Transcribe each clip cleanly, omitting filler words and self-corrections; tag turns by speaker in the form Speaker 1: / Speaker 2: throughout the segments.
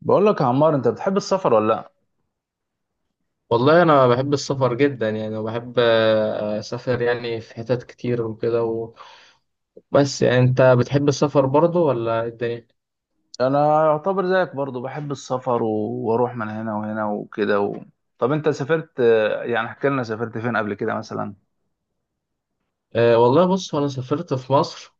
Speaker 1: بقول لك يا عمار، انت بتحب السفر ولا لا؟
Speaker 2: والله انا بحب السفر جدا يعني وبحب اسافر يعني في حتت كتير بس يعني انت بتحب السفر برضه ولا إيه الدنيا؟
Speaker 1: انا يعتبر زيك برضو بحب السفر. و... واروح من هنا وهنا وكده. و... طب انت سافرت، يعني احكي لنا سافرت فين قبل كده مثلا؟
Speaker 2: أه والله بص انا سافرت في مصر.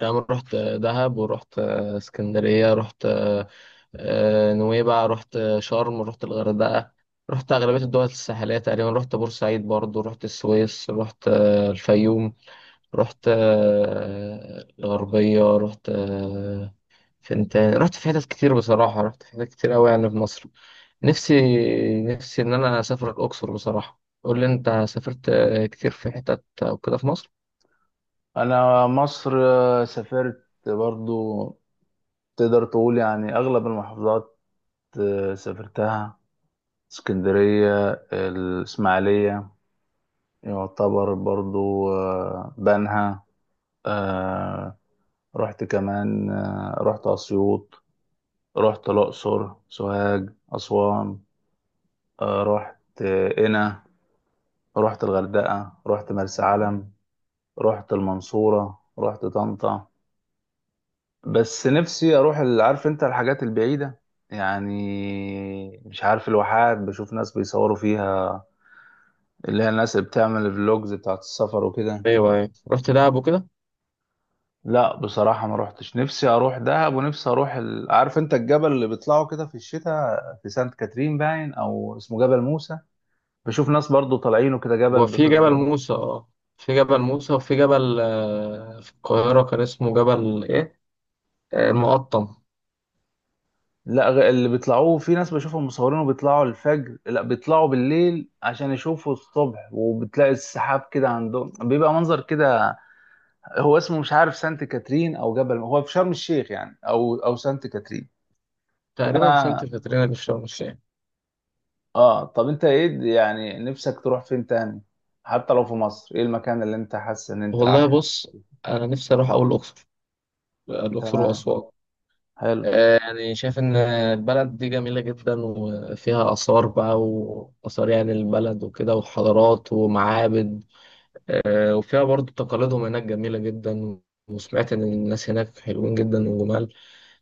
Speaker 2: يعني رحت دهب ورحت اسكندرية، رحت نويبع، رحت شرم، رحت الغردقة، رحت أغلبية الدول الساحلية تقريبا، رحت بورسعيد برضو، رحت السويس، رحت الفيوم، رحت الغربية، رحت فانت رحت في حتت كتير، بصراحة رحت في حتت كتير قوي يعني في مصر. نفسي نفسي ان انا اسافر الاقصر بصراحة. قول لي انت سافرت كتير في حتت وكده في مصر؟
Speaker 1: انا مصر سافرت برضو، تقدر تقول يعني اغلب المحافظات سافرتها. اسكندرية، الاسماعيلية، يعتبر برضو بنها، آه، رحت كمان رحت اسيوط، رحت الاقصر، سوهاج، اسوان، رحت قنا، رحت الغردقة، رحت مرسى علم، رحت المنصورة، رحت طنطا. بس نفسي اروح عارف انت الحاجات البعيدة، يعني مش عارف الواحات، بشوف ناس بيصوروا فيها، اللي هي الناس اللي بتعمل الفلوجز بتاعت السفر وكده.
Speaker 2: ايوه، ايوه، رحت دهب وكده.
Speaker 1: لا بصراحة ما روحتش، نفسي اروح دهب ونفسي اروح عارف انت الجبل اللي بيطلعوا كده في الشتاء في سانت كاترين، باين او اسمه جبل موسى. بشوف ناس برضو طالعينه كده، جبل
Speaker 2: وفي جبل موسى، اه في جبل موسى، وفي جبل في القاهرة كان اسمه جبل ايه؟ المقطم،
Speaker 1: لا اللي بيطلعوه، في ناس بشوفهم مصورينه بيطلعوا الفجر، لا بيطلعوا بالليل عشان يشوفوا الصبح وبتلاقي السحاب كده عندهم، بيبقى منظر كده. هو اسمه مش عارف سانت كاترين او جبل، هو في شرم الشيخ يعني او سانت كاترين.
Speaker 2: تقريبا
Speaker 1: فانا
Speaker 2: سانت كاترينا اللي في شرم الشيخ.
Speaker 1: اه، طب انت ايه يعني نفسك تروح فين تاني؟ حتى لو في مصر، ايه المكان اللي انت حاسس ان انت
Speaker 2: والله
Speaker 1: عايز؟
Speaker 2: بص، انا نفسي اروح اول الاقصر، الاقصر
Speaker 1: تمام،
Speaker 2: واسوان.
Speaker 1: حلو.
Speaker 2: يعني شايف إن البلد دي جميلة جدا، وفيها آثار بقى وآثار يعني البلد وكده، وحضارات ومعابد. وفيها برضو تقاليدهم هناك جميلة جدا، وسمعت إن الناس هناك حلوين جدا وجمال.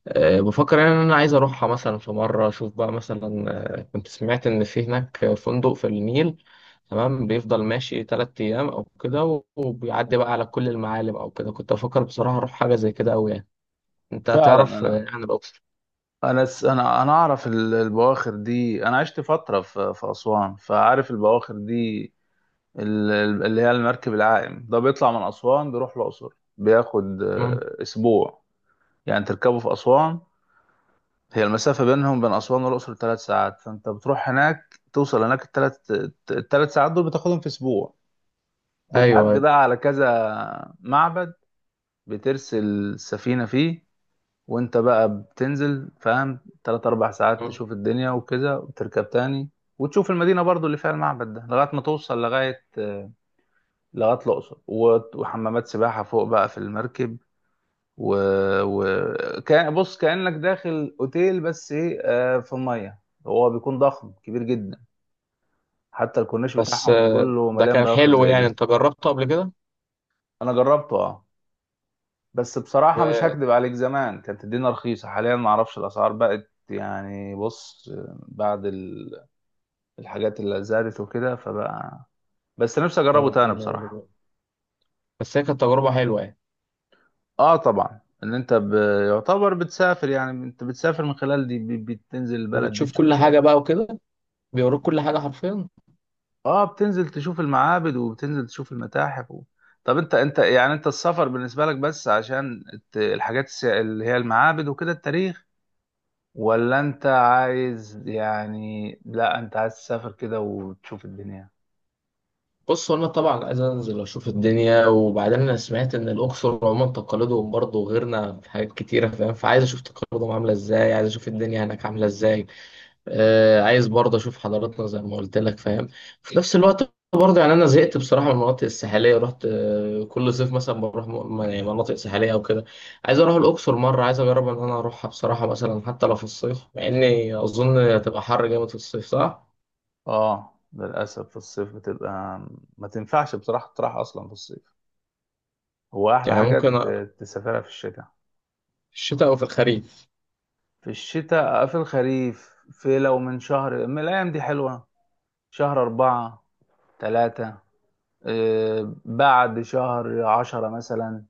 Speaker 2: بفكر يعني إن أنا عايز أروحها مثلا في مرة أشوف بقى مثلا. كنت سمعت إن في هناك فندق في النيل، تمام، بيفضل ماشي تلات أيام أو كده، وبيعدي بقى على كل المعالم أو كده. كنت بفكر بصراحة أروح حاجة زي كده أوي يعني. أنت
Speaker 1: فعلا
Speaker 2: تعرف
Speaker 1: انا
Speaker 2: عن الأقصر؟
Speaker 1: انا س- انا اعرف البواخر دي، انا عشت فتره في اسوان، فعارف البواخر دي. اللي هي المركب العائم ده بيطلع من أسوان بيروح الأقصر، بياخد أسبوع. يعني تركبه في أسوان، هي المسافة بينهم بين أسوان والأقصر 3 ساعات، فأنت بتروح هناك توصل هناك، الثلاث، ال3 ساعات دول بتاخدهم في أسبوع.
Speaker 2: ايوه،
Speaker 1: بتعدي
Speaker 2: أيوة.
Speaker 1: بقى على كذا معبد، بترسل السفينة فيه، وأنت بقى بتنزل فاهم 3 4 ساعات
Speaker 2: مم.
Speaker 1: تشوف الدنيا وكذا وتركب تاني. وتشوف المدينة برضو اللي فيها المعبد ده لغاية ما توصل لغاية الاقصر، وحمامات سباحه فوق بقى في المركب. و... و... كان بص كانك داخل اوتيل، بس ايه، في الميه. هو بيكون ضخم كبير جدا، حتى الكورنيش
Speaker 2: بس
Speaker 1: بتاعهم كله
Speaker 2: ده
Speaker 1: مليان
Speaker 2: كان
Speaker 1: بواخر
Speaker 2: حلو،
Speaker 1: زي
Speaker 2: يعني
Speaker 1: دي.
Speaker 2: انت جربته قبل كده؟
Speaker 1: انا جربته اه، بس بصراحه مش
Speaker 2: و
Speaker 1: هكدب عليك، زمان كانت الدنيا رخيصه، حاليا ما اعرفش الاسعار بقت يعني، بص بعد الحاجات اللي زادت وكده فبقى، بس نفسي اجربه
Speaker 2: آه،
Speaker 1: تاني
Speaker 2: الدنيا غالية.
Speaker 1: بصراحه.
Speaker 2: بس هي كانت تجربه حلوه يعني.
Speaker 1: اه طبعا، ان انت يعتبر بتسافر، يعني انت بتسافر من خلال دي بتنزل البلد دي
Speaker 2: وبتشوف
Speaker 1: تشوف
Speaker 2: كل حاجه
Speaker 1: شوية.
Speaker 2: بقى وكده، بيوروك كل حاجه حرفيا.
Speaker 1: اه بتنزل تشوف المعابد وبتنزل تشوف المتاحف. و... طب انت يعني انت، السفر بالنسبة لك بس عشان الحاجات اللي هي المعابد وكده التاريخ، ولا انت عايز يعني، لا انت عايز تسافر كده وتشوف الدنيا؟
Speaker 2: بص، هو انا طبعا عايز انزل اشوف الدنيا، وبعدين انا سمعت ان الاقصر عموما تقاليدهم برضه غيرنا في حاجات كتيره، فاهم؟ فعايز اشوف تقاليدهم عامله ازاي، عايز اشوف الدنيا هناك عامله ازاي. عايز برضه اشوف حضاراتنا زي ما قلت لك، فاهم؟ في نفس الوقت برضه يعني انا زهقت بصراحه من المناطق الساحليه. رحت كل صيف مثلا بروح يعني مناطق ساحليه او كده. عايز اروح الاقصر مره، عايز اجرب ان انا اروحها بصراحه مثلا، حتى لو في الصيف، مع اني اظن هتبقى حر جامد في الصيف، صح؟
Speaker 1: اه للأسف في الصيف بتبقى، ما تنفعش بصراحة تروح أصلا في الصيف، هو أحلى
Speaker 2: يعني
Speaker 1: حاجة
Speaker 2: ممكن في
Speaker 1: تسافرها في الشتاء.
Speaker 2: الشتاء او في الخريف.
Speaker 1: في الشتاء، في الخريف، في لو من شهر من الأيام دي حلوة، شهر 4، 3، بعد شهر 10 مثلا.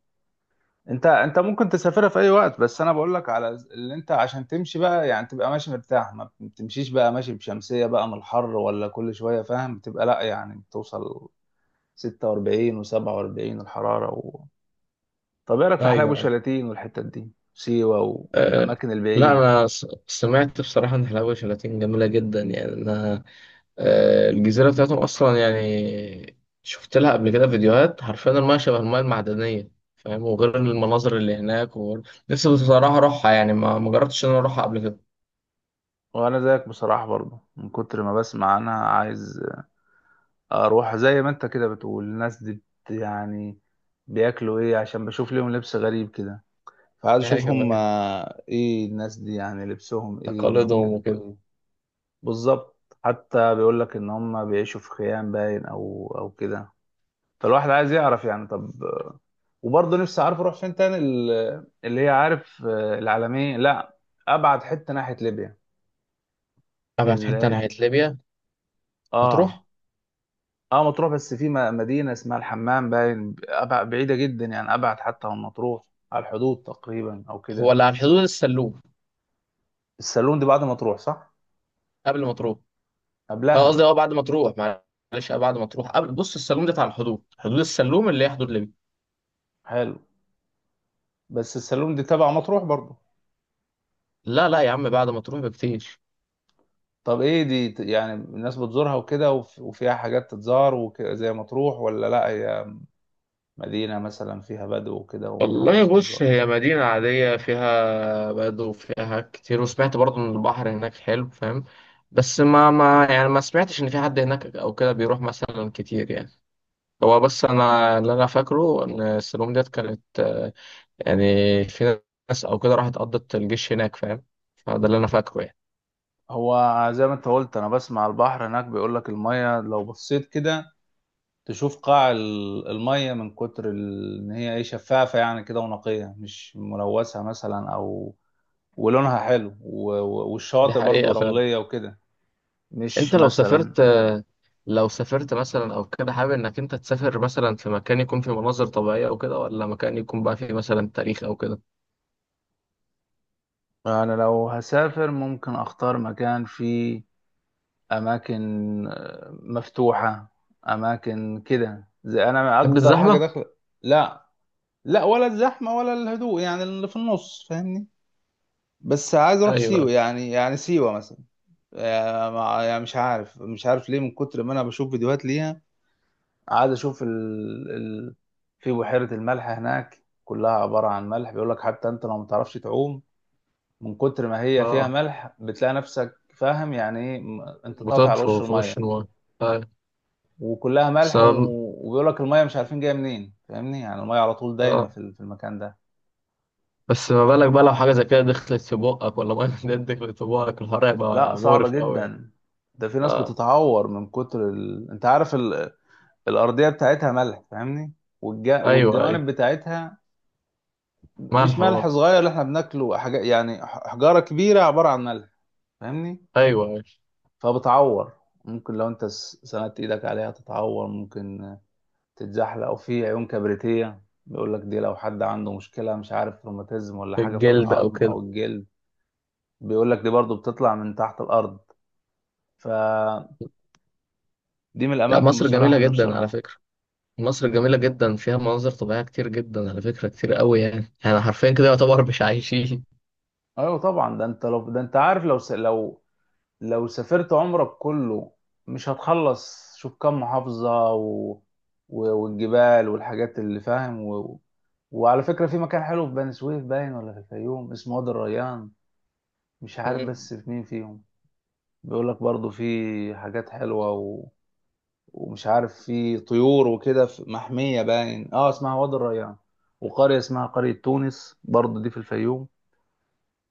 Speaker 1: انت ممكن تسافرها في اي وقت، بس انا بقول لك على اللي انت عشان تمشي بقى، يعني تبقى ماشي مرتاح، ما بتمشيش بقى ماشي بشمسية بقى من الحر ولا كل شوية فاهم، بتبقى لا يعني بتوصل 46 و47 الحرارة. و... طب ايه رايك في
Speaker 2: ايوه،
Speaker 1: حلايب
Speaker 2: أيوة.
Speaker 1: وشلاتين والحتت دي، سيوة
Speaker 2: أه.
Speaker 1: والاماكن
Speaker 2: لا،
Speaker 1: البعيدة؟
Speaker 2: انا سمعت بصراحه ان حلاوه شلاتين جميله جدا يعني. انا الجزيرة بتاعتهم أصلا يعني، شفت لها قبل كده فيديوهات، حرفيا المياه شبه المياه المعدنية، فاهم؟ وغير المناظر اللي هناك، نفسي بصراحة أروحها يعني، ما جربتش إن أنا أروحها قبل كده.
Speaker 1: وانا زيك بصراحة برضو، من كتر ما بسمع انا عايز اروح، زي ما انت كده بتقول، الناس دي بت يعني بياكلوا ايه، عشان بشوف ليهم لبس غريب كده، فعايز اشوف
Speaker 2: أيوه،
Speaker 1: هم
Speaker 2: أيوه،
Speaker 1: ايه الناس دي، يعني لبسهم ايه
Speaker 2: تقاليدهم وكده.
Speaker 1: بياكلوا ايه. بالظبط، حتى بيقول لك ان هم بيعيشوا في خيام باين او كده، فالواحد عايز يعرف يعني. طب وبرضه نفسي، عارف اروح فين تاني، اللي هي عارف العالمية، لا، ابعد حتة ناحية ليبيا.
Speaker 2: أبعد حتة
Speaker 1: اللي،
Speaker 2: ناحية ليبيا، مطروح.
Speaker 1: اه، اه مطروح، بس في مدينة اسمها الحمام باين، بعيدة جدا يعني، أبعد حتى من مطروح، على الحدود تقريبا أو
Speaker 2: هو
Speaker 1: كده.
Speaker 2: اللي على الحدود السلوم.
Speaker 1: السالون دي بعد مطروح، صح؟
Speaker 2: قبل ما تروح. أه
Speaker 1: قبلها.
Speaker 2: قصدي أه بعد ما تروح، معلش، أه بعد ما تروح. قبل بص، السلوم ده على الحدود، حدود السلوم اللي هي حدود ليبيا.
Speaker 1: حلو، بس السالون دي تبع مطروح برضه.
Speaker 2: لا لا يا عم، بعد ما تروح بكتير.
Speaker 1: طب إيه دي يعني الناس بتزورها وكده، وفيها حاجات تتزار وكده زي مطروح، ولا لأ هي مدينة مثلا فيها بدو وكده
Speaker 2: والله
Speaker 1: ومحدش
Speaker 2: بص،
Speaker 1: بيزورها؟
Speaker 2: هي مدينة عادية، فيها بدو وفيها كتير، وسمعت برضه إن البحر هناك حلو، فاهم؟ بس ما يعني ما سمعتش إن في حد هناك أو كده بيروح مثلا كتير يعني. هو بس أنا اللي أنا فاكره إن السلوم ديت كانت يعني، في ناس أو كده راحت قضت الجيش هناك، فاهم؟ فده اللي أنا فاكره يعني.
Speaker 1: هو زي ما انت قلت، أنا بسمع البحر هناك بيقول لك المية لو بصيت كده تشوف قاع المية، من كتر ان هي ايه شفافة يعني كده، ونقية مش ملوثة مثلا، او ولونها حلو
Speaker 2: دي
Speaker 1: والشواطئ برضو
Speaker 2: حقيقة فعلا.
Speaker 1: رملية وكده، مش
Speaker 2: أنت لو
Speaker 1: مثلا.
Speaker 2: سافرت، لو سافرت مثلا أو كده، حابب إنك أنت تسافر مثلا في مكان يكون فيه مناظر طبيعية أو كده، ولا مكان يكون بقى فيه مثلا تاريخ أو كده؟
Speaker 1: انا لو هسافر، ممكن اختار مكان فيه اماكن مفتوحة، اماكن كده، زي انا
Speaker 2: تحب
Speaker 1: اكتر حاجة
Speaker 2: الزحمة؟
Speaker 1: داخل. لا، لا ولا الزحمة ولا الهدوء، يعني اللي في النص فاهمني، بس عايز اروح سيوة
Speaker 2: ايوه.
Speaker 1: يعني، يعني سيوة مثلا. يعني يعني مش عارف ليه، من كتر ما انا بشوف فيديوهات ليها، قاعد اشوف، ال... ال... في بحيرة الملح هناك كلها عبارة عن ملح، بيقول لك حتى انت لو ما تعرفش تعوم، من كتر ما هي فيها
Speaker 2: اه،
Speaker 1: ملح بتلاقي نفسك فاهم يعني ايه، انت طافي
Speaker 2: بطاط
Speaker 1: على وش
Speaker 2: فوق فوق وش
Speaker 1: المية،
Speaker 2: النار. ايوه.
Speaker 1: وكلها
Speaker 2: بس
Speaker 1: ملح، و...
Speaker 2: أنا-
Speaker 1: وبيقول لك المية مش عارفين جاية منين فاهمني، يعني المية على طول دايما
Speaker 2: اه.
Speaker 1: في في المكان ده.
Speaker 2: بس ما بالك بقى لو حاجه زي كده دخلت في بقك، ولا ميه دي دخلت في بقك، الحوار
Speaker 1: لا
Speaker 2: هيبقى
Speaker 1: صعبة
Speaker 2: مقرف قوي يعني.
Speaker 1: جدا، ده في ناس
Speaker 2: اه.
Speaker 1: بتتعور من كتر، ال... انت عارف الارضيه بتاعتها ملح فاهمني،
Speaker 2: ايوه، ايوه.
Speaker 1: والجوانب بتاعتها، مش
Speaker 2: ملح
Speaker 1: ملح
Speaker 2: برضه.
Speaker 1: صغير اللي احنا بناكله، حاجه يعني حجاره كبيره عباره عن ملح فاهمني.
Speaker 2: ايوه، ايوه.
Speaker 1: فبتعور، ممكن لو انت سندت ايدك عليها تتعور، ممكن تتزحلق، او في عيون كبريتيه، بيقول لك دي لو حد عنده مشكله مش عارف روماتيزم ولا
Speaker 2: في
Speaker 1: حاجه في
Speaker 2: الجلد او
Speaker 1: العظم او
Speaker 2: كده.
Speaker 1: الجلد، بيقول لك دي برضو بتطلع من تحت الارض، فدي من
Speaker 2: لا
Speaker 1: الاماكن
Speaker 2: مصر
Speaker 1: بصراحه
Speaker 2: جميله
Speaker 1: اللي نفسي
Speaker 2: جدا على
Speaker 1: اروحها.
Speaker 2: فكره، مصر جميله جدا فيها مناظر طبيعيه كتير جدا على فكره، كتير قوي يعني، يعني حرفيا كده يعتبر مش عايشين.
Speaker 1: ايوه طبعا، ده انت لو ده انت عارف، لو لو سافرت عمرك كله مش هتخلص، شوف كم محافظة، و... و... والجبال والحاجات اللي فاهم. و... وعلى فكرة في مكان حلو في بني سويف باين ولا في الفيوم، اسمه وادي الريان، مش عارف
Speaker 2: مم.
Speaker 1: بس في مين فيهم، بيقول لك برضو في حاجات حلوة، و... ومش عارف في طيور وكده، في محمية باين اه اسمها وادي الريان، وقرية اسمها قرية تونس برضو دي في الفيوم.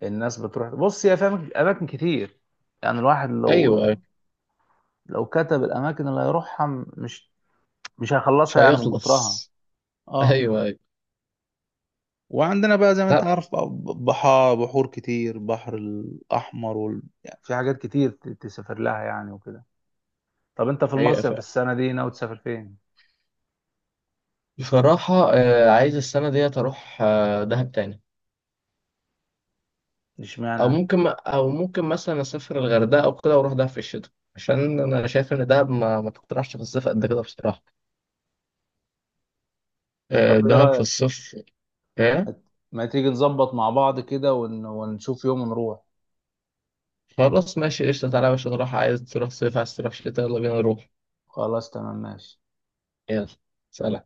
Speaker 1: الناس بتروح، بص يا فاهم أماكن كتير، يعني الواحد لو،
Speaker 2: ايوه، ايوه.
Speaker 1: لو كتب الاماكن اللي هيروحها، مش مش
Speaker 2: مش
Speaker 1: هيخلصها يعني من
Speaker 2: هيخلص.
Speaker 1: كترها. اه،
Speaker 2: ايوه، ايوه.
Speaker 1: وعندنا بقى زي ما انت
Speaker 2: لا.
Speaker 1: عارف بقى، بحار، بحور كتير، بحر الأحمر، وال... يعني في حاجات كتير تسافر لها يعني وكده. طب انت في
Speaker 2: حقيقه
Speaker 1: المصيف في
Speaker 2: فعلا.
Speaker 1: السنه دي ناوي تسافر فين؟
Speaker 2: بصراحة عايز السنة ديت أروح دهب تاني. أو
Speaker 1: اشمعنى؟
Speaker 2: ممكن، أو ممكن مثلا أسافر الغردقة أو كده، وأروح دهب في الشتاء، عشان أنا شايف إن دهب ما تقترحش في الصيف قد كده بصراحة.
Speaker 1: طب ايه
Speaker 2: دهب في
Speaker 1: رايك،
Speaker 2: الصيف. إيه؟
Speaker 1: ما ما تيجي نظبط مع بعض كده، ونشوف يوم نروح.
Speaker 2: خلاص ماشي، قشطة، تعالى يا باشا نروح، عايز تروح صيف، عايز تروح شتاء، يلا بينا نروح.
Speaker 1: خلاص تمام ماشي.
Speaker 2: يلا. سلام.